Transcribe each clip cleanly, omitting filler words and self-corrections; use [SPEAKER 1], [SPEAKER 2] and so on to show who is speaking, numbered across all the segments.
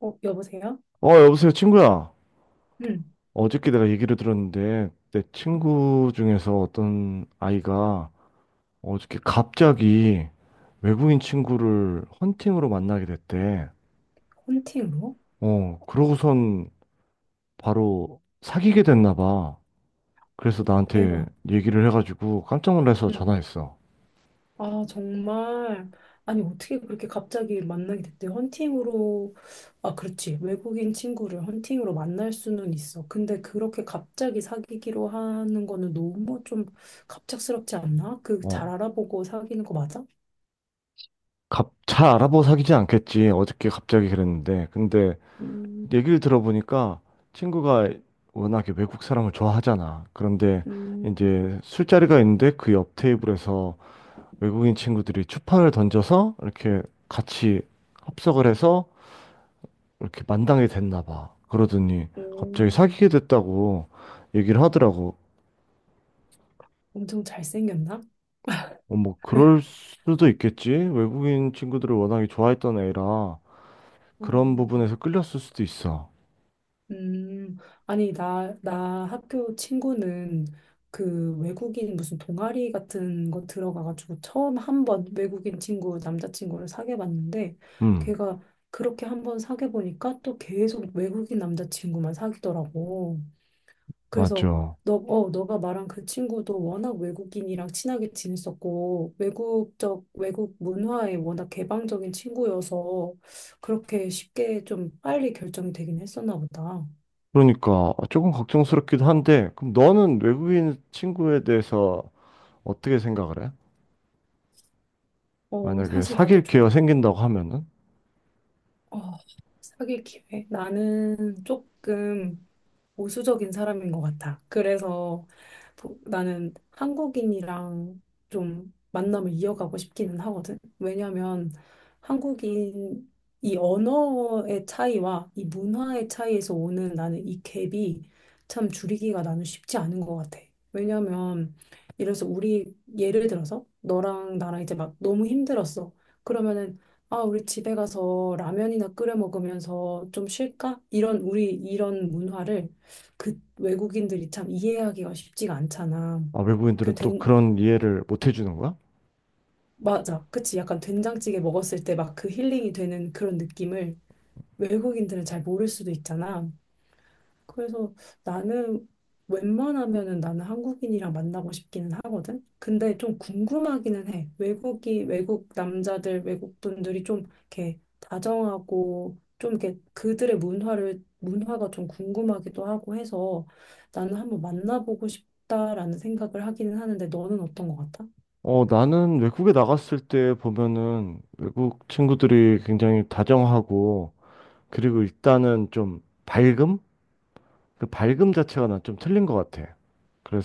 [SPEAKER 1] 어, 여보세요?
[SPEAKER 2] 여보세요, 친구야.
[SPEAKER 1] 응,
[SPEAKER 2] 어저께 내가 얘기를 들었는데, 내 친구 중에서 어떤 아이가 어저께 갑자기 외국인 친구를 헌팅으로 만나게 됐대.
[SPEAKER 1] 헌팅으로?
[SPEAKER 2] 그러고선 바로 사귀게 됐나 봐. 그래서 나한테
[SPEAKER 1] 대박.
[SPEAKER 2] 얘기를 해가지고 깜짝 놀라서
[SPEAKER 1] 응.
[SPEAKER 2] 전화했어.
[SPEAKER 1] 아, 정말. 아니, 어떻게 그렇게 갑자기 만나게 됐대? 헌팅으로. 아, 그렇지. 외국인 친구를 헌팅으로 만날 수는 있어. 근데 그렇게 갑자기 사귀기로 하는 거는 너무 좀 갑작스럽지 않나? 그 잘
[SPEAKER 2] 어,
[SPEAKER 1] 알아보고 사귀는 거 맞아?
[SPEAKER 2] 잘 알아보고 사귀지 않겠지. 어저께 갑자기 그랬는데. 근데
[SPEAKER 1] 음,
[SPEAKER 2] 얘기를 들어보니까 친구가 워낙에 외국 사람을 좋아하잖아. 그런데
[SPEAKER 1] 음,
[SPEAKER 2] 이제 술자리가 있는데 그 옆 테이블에서 외국인 친구들이 추판을 던져서 이렇게 같이 합석을 해서 이렇게 만당이 됐나 봐. 그러더니 갑자기
[SPEAKER 1] 음.
[SPEAKER 2] 사귀게 됐다고 얘기를 하더라고.
[SPEAKER 1] 엄청 잘생겼나?
[SPEAKER 2] 어, 뭐 그럴 수도 있겠지. 외국인 친구들을 워낙에 좋아했던 애라
[SPEAKER 1] 어,
[SPEAKER 2] 그런 부분에서 끌렸을 수도 있어.
[SPEAKER 1] 음, 아니, 나 학교 친구는 그 외국인 무슨 동아리 같은 거 들어가가지고 처음 한 번 외국인 친구, 남자친구를 사귀어 봤는데
[SPEAKER 2] 음,
[SPEAKER 1] 걔가 그렇게 한 번 사귀어 보니까 또 계속 외국인 남자친구만 사귀더라고. 그래서
[SPEAKER 2] 맞아.
[SPEAKER 1] 너가 말한 그 친구도 워낙 외국인이랑 친하게 지냈었고 외국 문화에 워낙 개방적인 친구여서 그렇게 쉽게 좀 빨리 결정이 되긴 했었나 보다.
[SPEAKER 2] 그러니까 아, 조금 걱정스럽기도 한데, 그럼 너는 외국인 친구에 대해서 어떻게 생각을 해?
[SPEAKER 1] 어,
[SPEAKER 2] 만약에
[SPEAKER 1] 사실 나도
[SPEAKER 2] 사귈
[SPEAKER 1] 좀,
[SPEAKER 2] 기회가 생긴다고 하면은,
[SPEAKER 1] 어, 사귈 기회. 나는 조금, 보수적인 사람인 것 같아. 그래서 나는 한국인이랑 좀 만남을 이어가고 싶기는 하거든. 왜냐하면 한국인 이 언어의 차이와 이 문화의 차이에서 오는 나는 이 갭이 참 줄이기가 나는 쉽지 않은 것 같아. 왜냐하면 이래서 우리 예를 들어서 너랑 나랑 이제 막 너무 힘들었어. 그러면은 아, 우리 집에 가서 라면이나 끓여 먹으면서 좀 쉴까? 이런 우리 이런 문화를 그 외국인들이 참 이해하기가 쉽지가 않잖아.
[SPEAKER 2] 아, 외국인들은
[SPEAKER 1] 그
[SPEAKER 2] 또
[SPEAKER 1] 된,
[SPEAKER 2] 그런 이해를 못 해주는 거야?
[SPEAKER 1] 맞아. 그치. 약간 된장찌개 먹었을 때 막 그 힐링이 되는 그런 느낌을 외국인들은 잘 모를 수도 있잖아. 그래서 나는 웬만하면은 나는 한국인이랑 만나고 싶기는 하거든. 근데 좀 궁금하기는 해. 외국 남자들, 외국 분들이 좀 이렇게 다정하고 좀 이렇게 그들의 문화를 문화가 좀 궁금하기도 하고 해서 나는 한번 만나보고 싶다라는 생각을 하기는 하는데 너는 어떤 것 같아?
[SPEAKER 2] 어, 나는 외국에 나갔을 때 보면은 외국 친구들이 굉장히 다정하고, 그리고 일단은 좀 밝음? 그 밝음 자체가 난 좀 틀린 것 같아.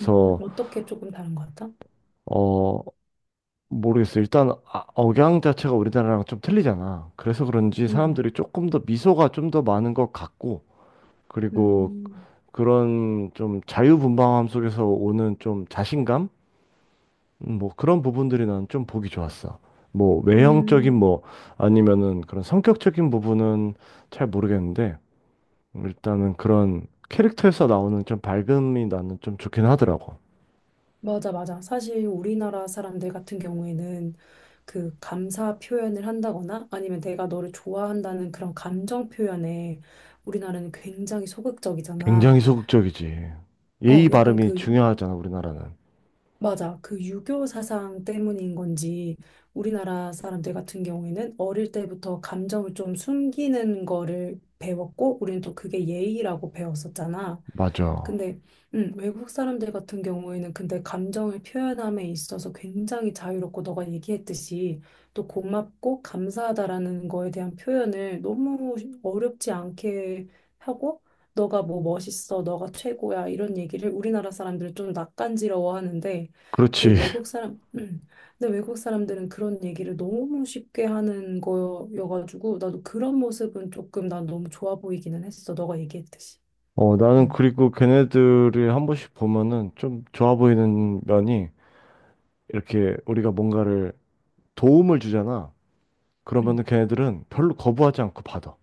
[SPEAKER 1] 어떻게 조금 다른 것 같아?
[SPEAKER 2] 어... 모르겠어. 억양 자체가 우리나라랑 좀 틀리잖아. 그래서 그런지
[SPEAKER 1] 음,
[SPEAKER 2] 사람들이 조금 더 미소가 좀 더 많은 것 같고, 그리고
[SPEAKER 1] 음,
[SPEAKER 2] 그런 좀 자유분방함 속에서 오는 좀 자신감? 뭐 그런 부분들이 난 좀 보기 좋았어. 뭐 외형적인
[SPEAKER 1] 음.
[SPEAKER 2] 뭐 아니면은 그런 성격적인 부분은 잘 모르겠는데, 일단은 그런 캐릭터에서 나오는 좀 밝음이 나는 좀 좋긴 하더라고.
[SPEAKER 1] 맞아, 맞아. 사실 우리나라 사람들 같은 경우에는 그 감사 표현을 한다거나 아니면 내가 너를 좋아한다는 그런 감정 표현에 우리나라는 굉장히 소극적이잖아.
[SPEAKER 2] 굉장히 소극적이지.
[SPEAKER 1] 어,
[SPEAKER 2] 예의
[SPEAKER 1] 약간
[SPEAKER 2] 바름이
[SPEAKER 1] 그
[SPEAKER 2] 중요하잖아, 우리나라는.
[SPEAKER 1] 맞아. 그 유교 사상 때문인 건지 우리나라 사람들 같은 경우에는 어릴 때부터 감정을 좀 숨기는 거를 배웠고 우리는 또 그게 예의라고 배웠었잖아.
[SPEAKER 2] 맞아.
[SPEAKER 1] 근데 외국 사람들 같은 경우에는 근데 감정을 표현함에 있어서 굉장히 자유롭고 너가 얘기했듯이 또 고맙고 감사하다라는 거에 대한 표현을 너무 어렵지 않게 하고 너가 뭐 멋있어, 너가 최고야 이런 얘기를 우리나라 사람들은 좀 낯간지러워하는데 그
[SPEAKER 2] 그렇지.
[SPEAKER 1] 외국 사람, 근데 외국 사람들은 그런 얘기를 너무 쉽게 하는 거여가지고, 나도 그런 모습은 조금 난 너무 좋아 보이기는 했어. 너가 얘기했듯이.
[SPEAKER 2] 어, 나는
[SPEAKER 1] 음.
[SPEAKER 2] 그리고 걔네들이 한 번씩 보면은 좀 좋아 보이는 면이 이렇게 우리가 뭔가를 도움을 주잖아.
[SPEAKER 1] 음.
[SPEAKER 2] 그러면은 걔네들은 별로 거부하지 않고 받아.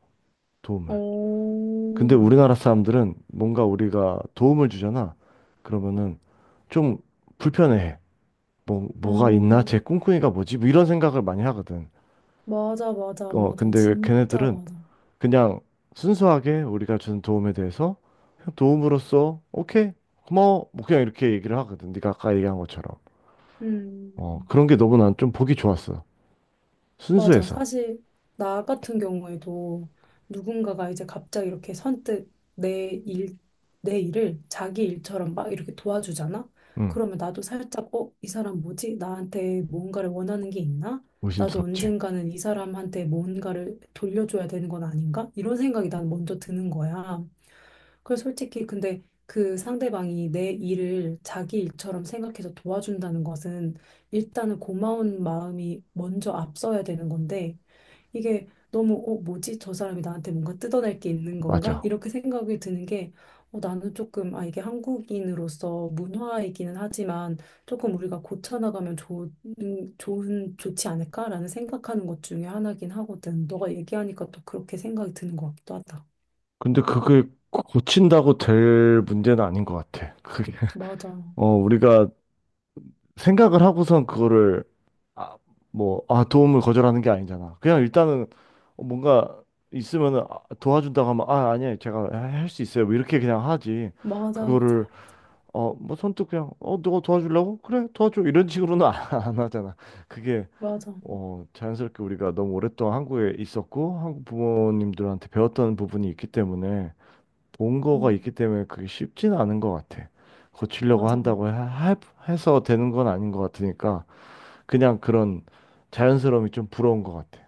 [SPEAKER 2] 도움을.
[SPEAKER 1] 어,
[SPEAKER 2] 근데 우리나라 사람들은 뭔가 우리가 도움을 주잖아. 그러면은 좀 불편해해. 뭐, 뭐가 있나?
[SPEAKER 1] 어,
[SPEAKER 2] 쟤 꿍꿍이가 뭐지? 뭐 이런 생각을 많이 하거든.
[SPEAKER 1] 맞아, 맞아,
[SPEAKER 2] 어,
[SPEAKER 1] 맞아.
[SPEAKER 2] 근데
[SPEAKER 1] 진짜
[SPEAKER 2] 걔네들은
[SPEAKER 1] 맞아.
[SPEAKER 2] 그냥 순수하게 우리가 준 도움에 대해서 그냥 도움으로써 오케이 고마워 뭐 그냥 이렇게 얘기를 하거든. 네가 아까 얘기한 것처럼
[SPEAKER 1] 음.
[SPEAKER 2] 어 그런 게 너무 난 좀 보기 좋았어.
[SPEAKER 1] 맞아.
[SPEAKER 2] 순수해서.
[SPEAKER 1] 사실 나 같은 경우에도 누군가가 이제 갑자기 이렇게 선뜻 내 일, 내 일을 자기 일처럼 막 이렇게 도와주잖아?
[SPEAKER 2] 응.
[SPEAKER 1] 그러면 나도 살짝, 어, 이 사람 뭐지? 나한테 뭔가를 원하는 게 있나? 나도
[SPEAKER 2] 의심스럽지.
[SPEAKER 1] 언젠가는 이 사람한테 뭔가를 돌려줘야 되는 건 아닌가? 이런 생각이 난 먼저 드는 거야. 그래서 솔직히 근데 그 상대방이 내 일을 자기 일처럼 생각해서 도와준다는 것은 일단은 고마운 마음이 먼저 앞서야 되는 건데, 이게 너무, 어, 뭐지? 저 사람이 나한테 뭔가 뜯어낼 게 있는 건가?
[SPEAKER 2] 맞아.
[SPEAKER 1] 이렇게 생각이 드는 게, 어, 나는 조금, 아, 이게 한국인으로서 문화이기는 하지만, 조금 우리가 고쳐나가면 좋은, 좋은, 좋지 않을까라는 생각하는 것 중에 하나긴 하거든. 너가 얘기하니까 또 그렇게 생각이 드는 것 같기도 하다.
[SPEAKER 2] 근데 그게 고친다고 될 문제는 아닌 것 같아 그게.
[SPEAKER 1] 맞아.
[SPEAKER 2] 어 우리가 생각을 하고선 그거를 아, 뭐, 아, 도움을 거절하는 게 아니잖아. 그냥 일단은 뭔가 있으면은 아, 도와준다고 하면 아, 아니에요. 제가 할 수 있어요. 뭐 이렇게 그냥 하지.
[SPEAKER 1] 맞아, 맞아,
[SPEAKER 2] 그거를
[SPEAKER 1] 맞아.
[SPEAKER 2] 어, 뭐 선뜻 그냥 어, 너가 도와주려고? 그래, 도와줘. 이런 식으로는 안 하잖아. 그게
[SPEAKER 1] 맞아.
[SPEAKER 2] 어, 자연스럽게 우리가 너무 오랫동안 한국에 있었고 한국 부모님들한테 배웠던 부분이 있기 때문에 본 거가
[SPEAKER 1] 음,
[SPEAKER 2] 있기 때문에 그게 쉽지는 않은 것 같아. 고치려고
[SPEAKER 1] 맞아.
[SPEAKER 2] 한다고 하, 하- 해서 되는 건 아닌 것 같으니까 그냥 그런 자연스러움이 좀 부러운 것 같아.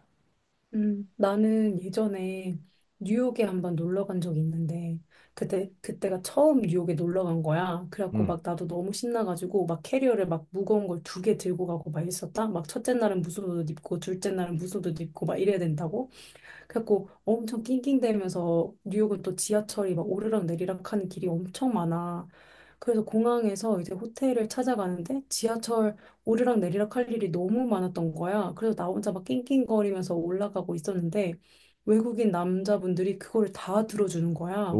[SPEAKER 1] 나는 예전에 뉴욕에 한번 놀러 간 적이 있는데, 그때가 처음 뉴욕에 놀러 간 거야. 그래갖고
[SPEAKER 2] 응.
[SPEAKER 1] 막 나도 너무 신나가지고, 막 캐리어를 막 무거운 걸 두 개 들고 가고 막 있었다? 막 첫째 날은 무슨 옷 입고, 둘째 날은 무슨 옷 입고 막 이래야 된다고? 그래갖고 엄청 낑낑대면서 뉴욕은 또 지하철이 막 오르락 내리락 하는 길이 엄청 많아. 그래서 공항에서 이제 호텔을 찾아가는데 지하철 오르락 내리락 할 일이 너무 많았던 거야. 그래서 나 혼자 막 낑낑거리면서 올라가고 있었는데 외국인 남자분들이 그거를 다 들어주는 거야.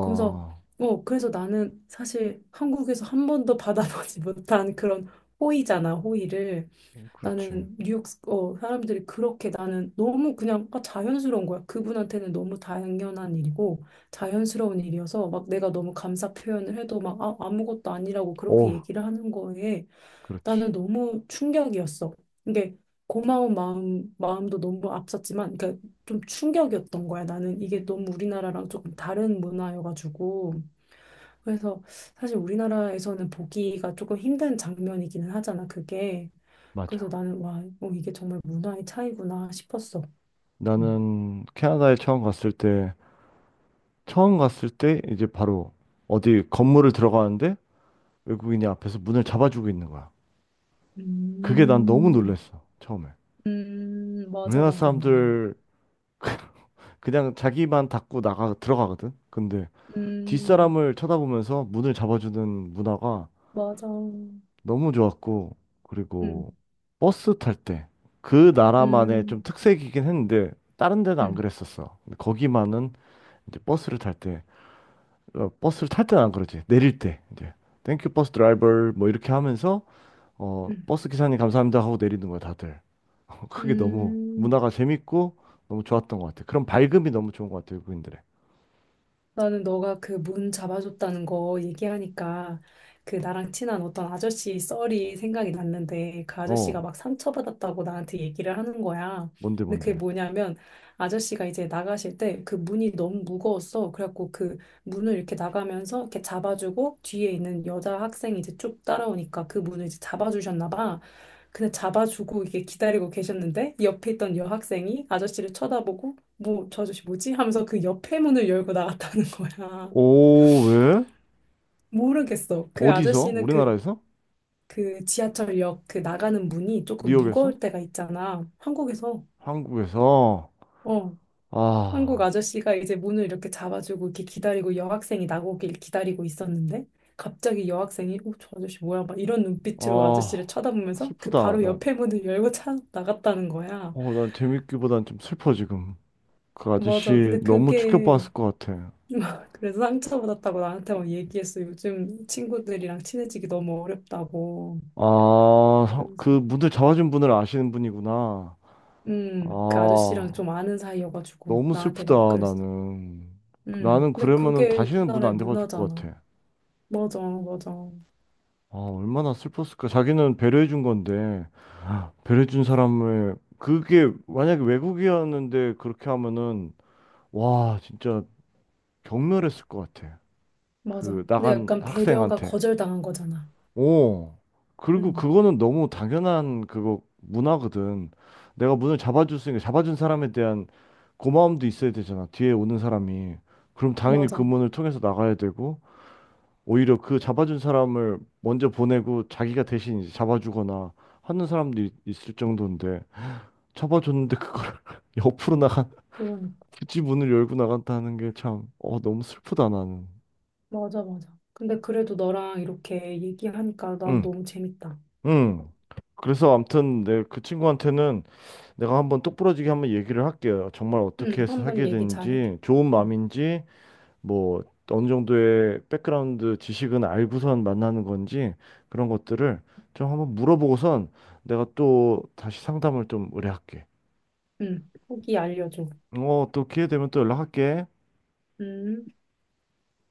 [SPEAKER 1] 그러면서 어 그래서 나는 사실 한국에서 한 번도 받아보지 못한 그런 호의잖아, 호의를.
[SPEAKER 2] 그렇지.
[SPEAKER 1] 나는 뉴욕 어, 사람들이 그렇게 나는 너무 그냥 아, 자연스러운 거야. 그분한테는 너무 당연한 일이고 자연스러운 일이어서 막 내가 너무 감사 표현을 해도 막 아, 아무것도 아니라고 그렇게
[SPEAKER 2] 오,
[SPEAKER 1] 얘기를 하는 거에
[SPEAKER 2] 그렇지.
[SPEAKER 1] 나는 너무 충격이었어. 이게 고마운 마음 마음도 너무 앞섰지만 그러니까 좀 충격이었던 거야. 나는 이게 너무 우리나라랑 조금 다른 문화여가지고 그래서 사실 우리나라에서는 보기가 조금 힘든 장면이기는 하잖아. 그게. 그래서
[SPEAKER 2] 맞아.
[SPEAKER 1] 나는 와, 어, 이게 정말 문화의 차이구나 싶었어. 음,
[SPEAKER 2] 나는 캐나다에 처음 갔을 때, 처음 갔을 때 이제 바로 어디 건물을 들어가는데 외국인이 앞에서 문을 잡아주고 있는 거야. 그게 난 너무
[SPEAKER 1] 음,
[SPEAKER 2] 놀랬어, 처음에.
[SPEAKER 1] 맞아,
[SPEAKER 2] 우리나라
[SPEAKER 1] 맞아, 맞아.
[SPEAKER 2] 사람들 그냥 자기만 닫고 나가 들어가거든. 근데
[SPEAKER 1] 음,
[SPEAKER 2] 뒷사람을 쳐다보면서 문을 잡아주는 문화가
[SPEAKER 1] 맞아.
[SPEAKER 2] 너무 좋았고, 그리고 버스 탈 때, 그 나라만의
[SPEAKER 1] 음,
[SPEAKER 2] 좀 특색이긴 했는데, 다른 데는 안
[SPEAKER 1] 음,
[SPEAKER 2] 그랬었어. 근데 거기만은 이제 버스를 탈 때, 어, 버스를 탈 때는 안 그러지. 내릴 때, 이제, 땡큐 버스 드라이버, 뭐 이렇게 하면서, 어,
[SPEAKER 1] 음,
[SPEAKER 2] 버스 기사님 감사합니다 하고 내리는 거야, 다들. 그게 너무
[SPEAKER 1] 음.
[SPEAKER 2] 문화가 재밌고, 너무 좋았던 것 같아. 그런 밝음이 너무 좋은 것 같아, 외국인들의.
[SPEAKER 1] 나는 너가 그 문 잡아줬다는 거 얘기하니까 그 나랑 친한 어떤 아저씨 썰이 생각이 났는데 그 아저씨가
[SPEAKER 2] 어,
[SPEAKER 1] 막 상처받았다고 나한테 얘기를 하는 거야.
[SPEAKER 2] 뭔데,
[SPEAKER 1] 근데 그게
[SPEAKER 2] 뭔데.
[SPEAKER 1] 뭐냐면 아저씨가 이제 나가실 때 그 문이 너무 무거웠어. 그래갖고 그 문을 이렇게 나가면서 이렇게 잡아주고 뒤에 있는 여자 학생이 이제 쭉 따라오니까 그 문을 이제 잡아주셨나 봐. 근데 잡아주고 이게 기다리고 계셨는데 옆에 있던 여학생이 아저씨를 쳐다보고 뭐, 저 아저씨 뭐지? 하면서 그 옆에 문을 열고 나갔다는 거야.
[SPEAKER 2] 오, 왜?
[SPEAKER 1] 모르겠어. 그
[SPEAKER 2] 어디서?
[SPEAKER 1] 아저씨는 그,
[SPEAKER 2] 우리나라에서?
[SPEAKER 1] 그 지하철역 그 나가는 문이 조금
[SPEAKER 2] 뉴욕에서?
[SPEAKER 1] 무거울 때가 있잖아. 한국에서.
[SPEAKER 2] 한국에서?
[SPEAKER 1] 어. 한국
[SPEAKER 2] 아,
[SPEAKER 1] 아저씨가 이제 문을 이렇게 잡아주고 이렇게 기다리고 여학생이 나오길 기다리고 있었는데 갑자기 여학생이 어, 저 아저씨 뭐야? 막 이런 눈빛으로 아저씨를
[SPEAKER 2] 아,
[SPEAKER 1] 쳐다보면서 그
[SPEAKER 2] 슬프다.
[SPEAKER 1] 바로
[SPEAKER 2] 난,
[SPEAKER 1] 옆에 문을 열고 차 나갔다는 거야.
[SPEAKER 2] 어, 난 재밌기보단 좀 슬퍼, 지금. 그
[SPEAKER 1] 맞아.
[SPEAKER 2] 아저씨
[SPEAKER 1] 근데
[SPEAKER 2] 너무
[SPEAKER 1] 그게
[SPEAKER 2] 충격받았을 것 같아.
[SPEAKER 1] 그래서 상처받았다고 나한테 막 얘기했어. 요즘 친구들이랑 친해지기 너무 어렵다고.
[SPEAKER 2] 그
[SPEAKER 1] 그러면서,
[SPEAKER 2] 문을 잡아준 분을 아시는 분이구나.
[SPEAKER 1] 그
[SPEAKER 2] 아,
[SPEAKER 1] 아저씨랑 좀 아는 사이여가지고
[SPEAKER 2] 너무
[SPEAKER 1] 나한테
[SPEAKER 2] 슬프다,
[SPEAKER 1] 막 그랬어.
[SPEAKER 2] 나는. 나는
[SPEAKER 1] 근데
[SPEAKER 2] 그러면은
[SPEAKER 1] 그게
[SPEAKER 2] 다시는 문
[SPEAKER 1] 우리나라의
[SPEAKER 2] 안 잡아줄 것
[SPEAKER 1] 문화잖아.
[SPEAKER 2] 같아.
[SPEAKER 1] 맞아, 맞아,
[SPEAKER 2] 아, 얼마나 슬펐을까. 자기는 배려해준 건데, 배려해준 사람을, 그게 만약에 외국이었는데 그렇게 하면은, 와, 진짜 경멸했을 것 같아.
[SPEAKER 1] 맞아.
[SPEAKER 2] 그
[SPEAKER 1] 근데
[SPEAKER 2] 나간
[SPEAKER 1] 약간 배려가
[SPEAKER 2] 학생한테.
[SPEAKER 1] 거절당한 거잖아.
[SPEAKER 2] 오. 그리고
[SPEAKER 1] 음,
[SPEAKER 2] 그거는 너무 당연한 그거 문화거든. 내가 문을 잡아줄 수 있으니까 잡아준 사람에 대한 고마움도 있어야 되잖아. 뒤에 오는 사람이. 그럼 당연히 그
[SPEAKER 1] 맞아.
[SPEAKER 2] 문을 통해서 나가야 되고 오히려 그 잡아준 사람을 먼저 보내고 자기가 대신 이제 잡아주거나 하는 사람도 있을 정도인데 잡아줬는데 그걸 옆으로 나간
[SPEAKER 1] 그러니까.
[SPEAKER 2] 굳이 문을 열고 나간다는 게 참, 어, 너무 슬프다 나는.
[SPEAKER 1] 맞아, 맞아. 근데 그래도 너랑 이렇게 얘기하니까 난
[SPEAKER 2] 응.
[SPEAKER 1] 너무 재밌다.
[SPEAKER 2] 음. 그래서 아무튼 내 그 친구한테는 내가 한번 똑부러지게 한번 얘기를 할게요. 정말 어떻게 해서
[SPEAKER 1] 한번
[SPEAKER 2] 사귀게
[SPEAKER 1] 얘기 잘해줘.
[SPEAKER 2] 된지, 좋은
[SPEAKER 1] 음,
[SPEAKER 2] 마음인지, 뭐 어느 정도의 백그라운드 지식은 알고선 만나는 건지 그런 것들을 좀 한번 물어보고선 내가 또 다시 상담을 좀 의뢰할게.
[SPEAKER 1] 후기 알려줘.
[SPEAKER 2] 어, 또 기회 되면 또 연락할게.
[SPEAKER 1] 음.